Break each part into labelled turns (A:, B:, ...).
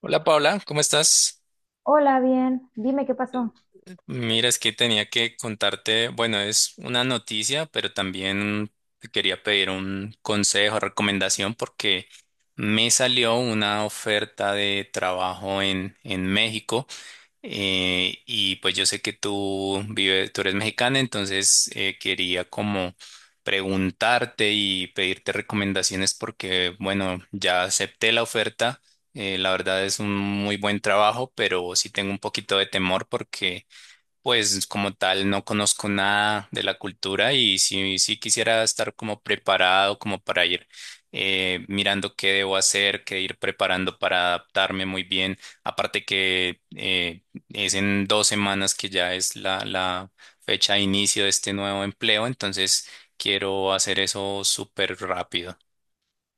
A: Hola, Paula, ¿cómo estás?
B: Hola, bien. Dime qué pasó.
A: Mira, es que tenía que contarte, bueno, es una noticia, pero también te quería pedir un consejo, recomendación, porque me salió una oferta de trabajo en México. Y pues yo sé que tú eres mexicana, entonces quería como preguntarte y pedirte recomendaciones porque, bueno, ya acepté la oferta. La verdad es un muy buen trabajo, pero sí tengo un poquito de temor porque pues como tal, no conozco nada de la cultura y sí, sí quisiera estar como preparado, como para ir mirando qué debo hacer, qué ir preparando para adaptarme muy bien. Aparte que es en dos semanas que ya es la fecha de inicio de este nuevo empleo, entonces quiero hacer eso súper rápido.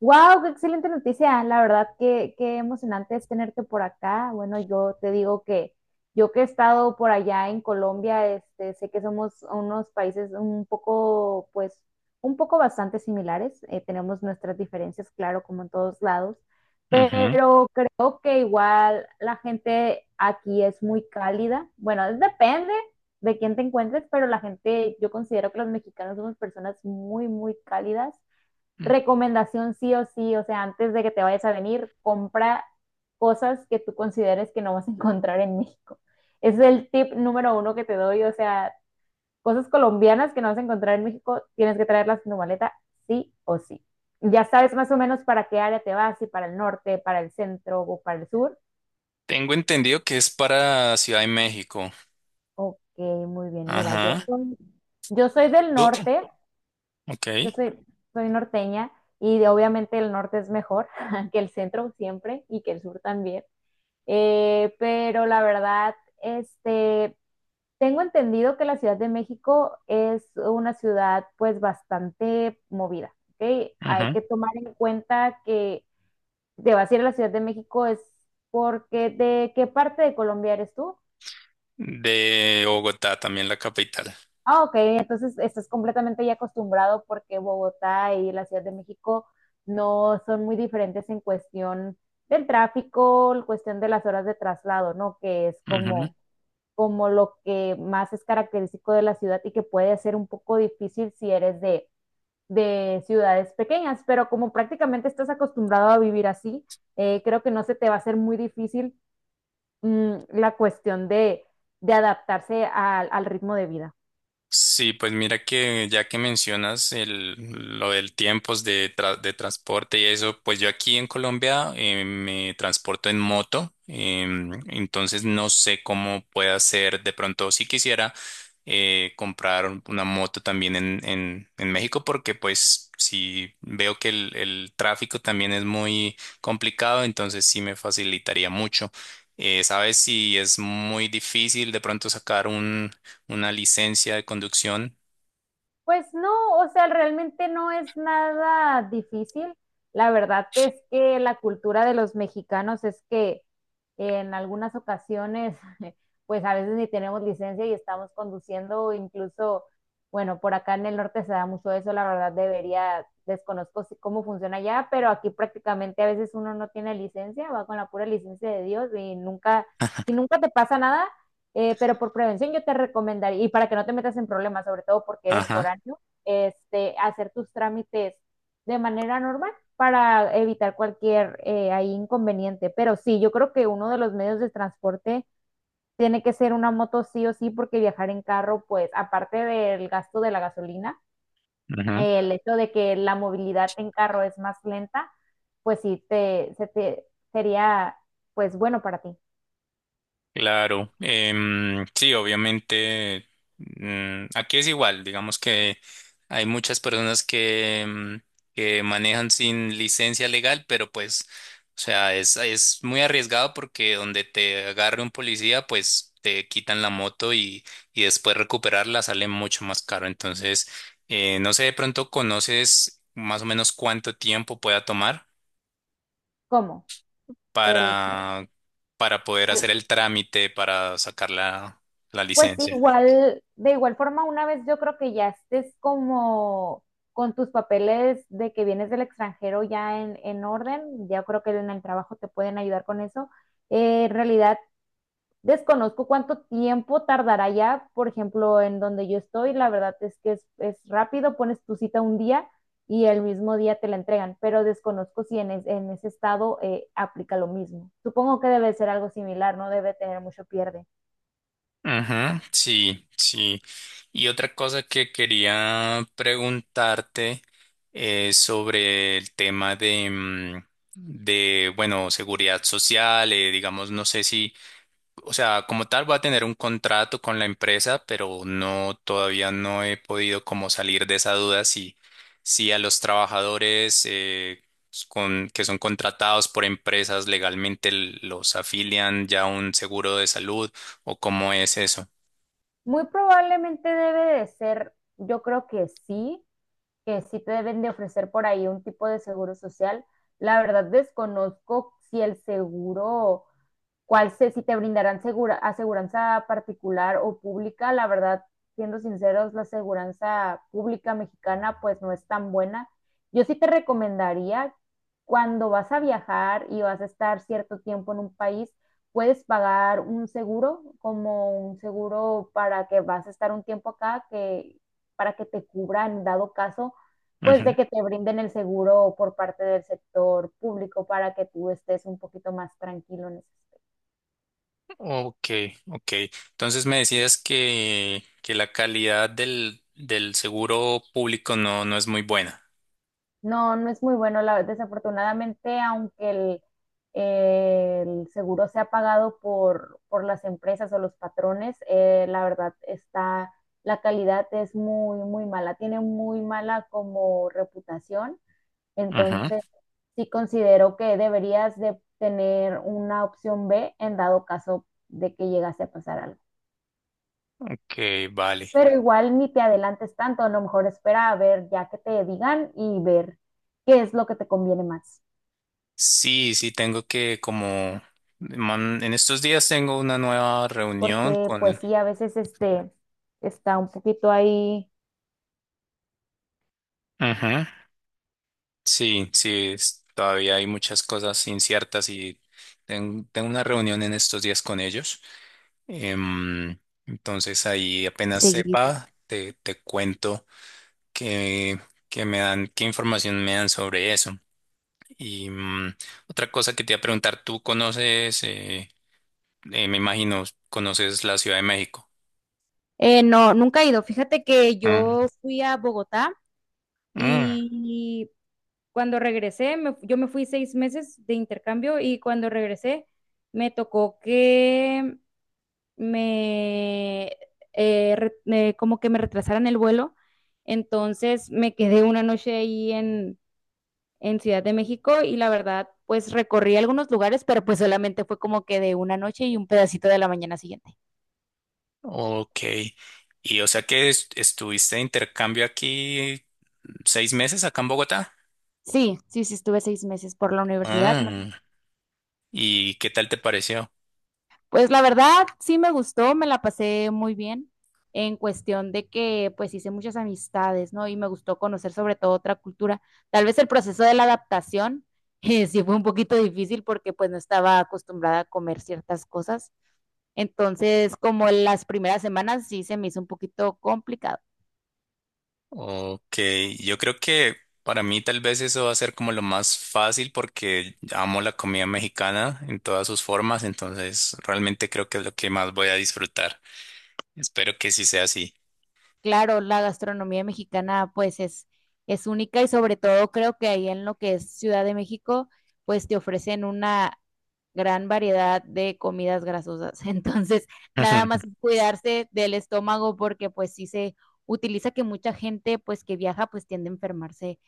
B: Wow, qué excelente noticia. La verdad que qué emocionante es tenerte por acá. Bueno, yo te digo que yo que he estado por allá en Colombia, este, sé que somos unos países un poco, pues, un poco bastante similares. Tenemos nuestras diferencias, claro, como en todos lados,
A: Ujú.
B: pero creo que igual la gente aquí es muy cálida. Bueno, depende de quién te encuentres, pero la gente, yo considero que los mexicanos somos personas muy, muy cálidas. Recomendación, sí o sí, o sea, antes de que te vayas a venir, compra cosas que tú consideres que no vas a encontrar en México. Ese es el tip número uno que te doy, o sea, cosas colombianas que no vas a encontrar en México, tienes que traerlas en tu maleta sí o sí. Ya sabes más o menos para qué área te vas, si para el norte, para el centro o para el sur.
A: Tengo entendido que es para Ciudad de México.
B: Ok, muy bien. Mira, yo
A: Ajá.
B: soy, yo soy del
A: Oh,
B: norte, yo
A: ok.
B: soy, soy norteña obviamente el norte es mejor que el centro siempre y que el sur también. Pero la verdad, este, tengo entendido que la Ciudad de México es una ciudad pues bastante movida, ¿ok? Hay
A: Ujú.
B: que tomar en cuenta que te vas a ir a la Ciudad de México es porque, ¿de qué parte de Colombia eres tú?
A: De Bogotá, también la capital.
B: Ah, ok, entonces estás completamente ya acostumbrado porque Bogotá y la Ciudad de México no son muy diferentes en cuestión del tráfico, en cuestión de las horas de traslado, ¿no? Que es
A: Ujú.
B: como lo que más es característico de la ciudad y que puede ser un poco difícil si eres de ciudades pequeñas, pero como prácticamente estás acostumbrado a vivir así, creo que no se te va a hacer muy difícil la cuestión de, adaptarse al, ritmo de vida.
A: Sí, pues mira que ya que mencionas lo del tiempos de, tra- de transporte y eso, pues yo aquí en Colombia me transporto en moto, entonces no sé cómo pueda ser de pronto si quisiera comprar una moto también en México, porque pues si veo que el tráfico también es muy complicado, entonces sí me facilitaría mucho. ¿Sabes si es muy difícil de pronto sacar una licencia de conducción?
B: Pues no, o sea, realmente no es nada difícil. La verdad es que la cultura de los mexicanos es que en algunas ocasiones, pues a veces ni tenemos licencia y estamos conduciendo, o incluso, bueno, por acá en el norte se da mucho eso. La verdad debería, desconozco cómo funciona allá, pero aquí prácticamente a veces uno no tiene licencia, va con la pura licencia de Dios y nunca, si nunca te pasa nada pero por prevención yo te recomendaría, y para que no te metas en problemas, sobre todo porque eres
A: Ajá,
B: foráneo, este, hacer tus trámites de manera normal para evitar cualquier ahí inconveniente. Pero sí, yo creo que uno de los medios de transporte tiene que ser una moto sí o sí, porque viajar en carro, pues aparte del gasto de la gasolina,
A: ajá.
B: el hecho de que la movilidad en carro es más lenta, pues sí, se te, sería pues bueno para ti.
A: Claro. Sí, obviamente, aquí es igual, digamos que hay muchas personas que que manejan sin licencia legal, pero pues, o sea, es muy arriesgado porque donde te agarre un policía, pues te quitan la moto y después recuperarla sale mucho más caro. Entonces, no sé, de pronto conoces más o menos cuánto tiempo pueda tomar
B: ¿Cómo? El
A: para, para poder hacer el trámite para sacar la
B: Pues sí,
A: licencia.
B: igual, de igual forma, una vez yo creo que ya estés como con tus papeles de que vienes del extranjero ya en orden, ya creo que en el trabajo te pueden ayudar con eso. En realidad, desconozco cuánto tiempo tardará ya, por ejemplo, en donde yo estoy, la verdad es que es rápido, pones tu cita un día y el mismo día te la entregan, pero desconozco si en, en ese estado aplica lo mismo. Supongo que debe ser algo similar, no debe tener mucho pierde.
A: Ujú, sí, sí. Y otra cosa que quería preguntarte es sobre el tema de, bueno, seguridad social, digamos, no sé si... O sea, como tal, voy a tener un contrato con la empresa, pero no, todavía no he podido como salir de esa duda si, si a los trabajadores que son contratados por empresas legalmente los afilian ya a un seguro de salud o cómo es eso.
B: Muy probablemente debe de ser, yo creo que sí te deben de ofrecer por ahí un tipo de seguro social. La verdad desconozco si el seguro cuál sé si te brindarán segura, aseguranza particular o pública. La verdad, siendo sinceros, la aseguranza pública mexicana pues no es tan buena. Yo sí te recomendaría cuando vas a viajar y vas a estar cierto tiempo en un país, puedes pagar un seguro, como un seguro para que vas a estar un tiempo acá, que para que te cubra en dado caso, pues
A: Ujú.
B: de que te brinden el seguro por parte del sector público para que tú estés un poquito más tranquilo en ese aspecto.
A: Ok, ok. Entonces me decías que la calidad del seguro público no, no es muy buena.
B: No, no es muy bueno. La, desafortunadamente, aunque el seguro sea pagado por las empresas o los patrones, la verdad está, la calidad es muy, muy mala. Tiene muy mala como reputación.
A: Ujú.
B: Entonces, sí considero que deberías de tener una opción B en dado caso de que llegase a pasar algo.
A: Ok, vale.
B: Pero igual ni te adelantes tanto, a lo mejor espera a ver ya que te digan y ver qué es lo que te conviene más.
A: Sí, sí, tengo que como en estos días tengo una nueva reunión
B: Porque
A: con
B: pues
A: el...
B: sí, a veces este está un poquito ahí
A: Ujú. Sí, sí, todavía hay muchas cosas inciertas y tengo una reunión en estos días con ellos. Em, entonces ahí apenas
B: seguido.
A: sepa, te cuento qué, qué me dan, qué información me dan sobre eso. Y otra cosa que te iba a preguntar, ¿tú conoces, me imagino, conoces la Ciudad de México?
B: No, nunca he ido. Fíjate que
A: Mm.
B: yo fui a Bogotá
A: Mm.
B: y cuando regresé, yo me fui seis meses de intercambio y cuando regresé me tocó que me, como que me retrasaran el vuelo. Entonces me quedé una noche ahí en, Ciudad de México y la verdad, pues recorrí algunos lugares, pero pues solamente fue como que de una noche y un pedacito de la mañana siguiente.
A: Ok. Y o sea que estuviste de intercambio aquí seis meses acá en Bogotá.
B: Sí, sí, sí, estuve seis meses por la universidad, ¿no?
A: Ah, ¿y qué tal te pareció?
B: Pues la verdad, sí me gustó, me la pasé muy bien en cuestión de que pues hice muchas amistades, ¿no? Y me gustó conocer sobre todo otra cultura. Tal vez el proceso de la adaptación sí fue un poquito difícil porque pues no estaba acostumbrada a comer ciertas cosas. Entonces, como las primeras semanas sí se me hizo un poquito complicado.
A: Ok, yo creo que para mí tal vez eso va a ser como lo más fácil porque amo la comida mexicana en todas sus formas, entonces realmente creo que es lo que más voy a disfrutar. Espero que sí sea así.
B: Claro, la gastronomía mexicana pues es única y sobre todo creo que ahí en lo que es Ciudad de México pues te ofrecen una gran variedad de comidas grasosas. Entonces, nada más es cuidarse del estómago porque pues sí se utiliza que mucha gente pues que viaja pues tiende a enfermarse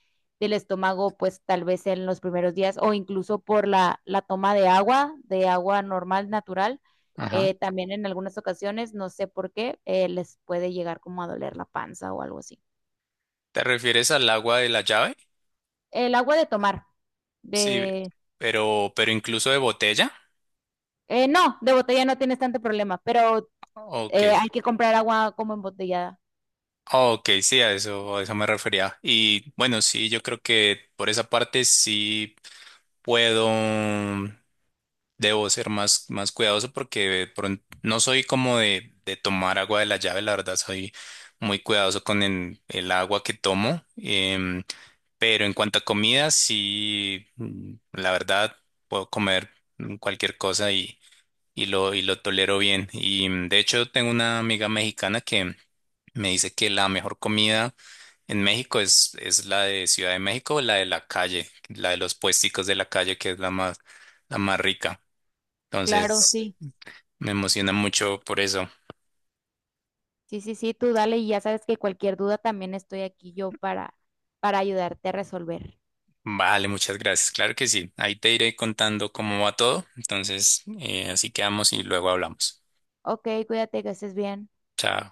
B: del estómago pues tal vez en los primeros días o incluso por la, toma de agua normal, natural
A: Ajá.
B: también en algunas ocasiones, no sé por qué, les puede llegar como a doler la panza o algo así.
A: ¿Te refieres al agua de la llave?
B: El agua de tomar,
A: Sí,
B: de...
A: pero incluso de botella.
B: no, de botella no tienes tanto problema, pero
A: Ok.
B: hay que comprar agua como embotellada.
A: Oh, ok, sí, a eso me refería. Y bueno, sí, yo creo que por esa parte sí puedo, debo ser más, más cuidadoso porque no soy como de tomar agua de la llave, la verdad soy muy cuidadoso con el agua que tomo. em, pero en cuanto a comida, sí, la verdad puedo comer cualquier cosa y y lo tolero bien. Y de hecho tengo una amiga mexicana que me dice que la mejor comida en México es la de Ciudad de México, la de la calle, la de los puesticos de la calle, que es la más rica.
B: Claro,
A: Entonces,
B: sí.
A: me emociona mucho por eso.
B: Sí, sí, sí, tú dale y ya sabes que cualquier duda también estoy aquí yo para, ayudarte a resolver.
A: Vale, muchas gracias. Claro que sí. Ahí te iré contando cómo va todo. Entonces, así quedamos y luego hablamos.
B: Ok, cuídate, que estés bien.
A: Chao.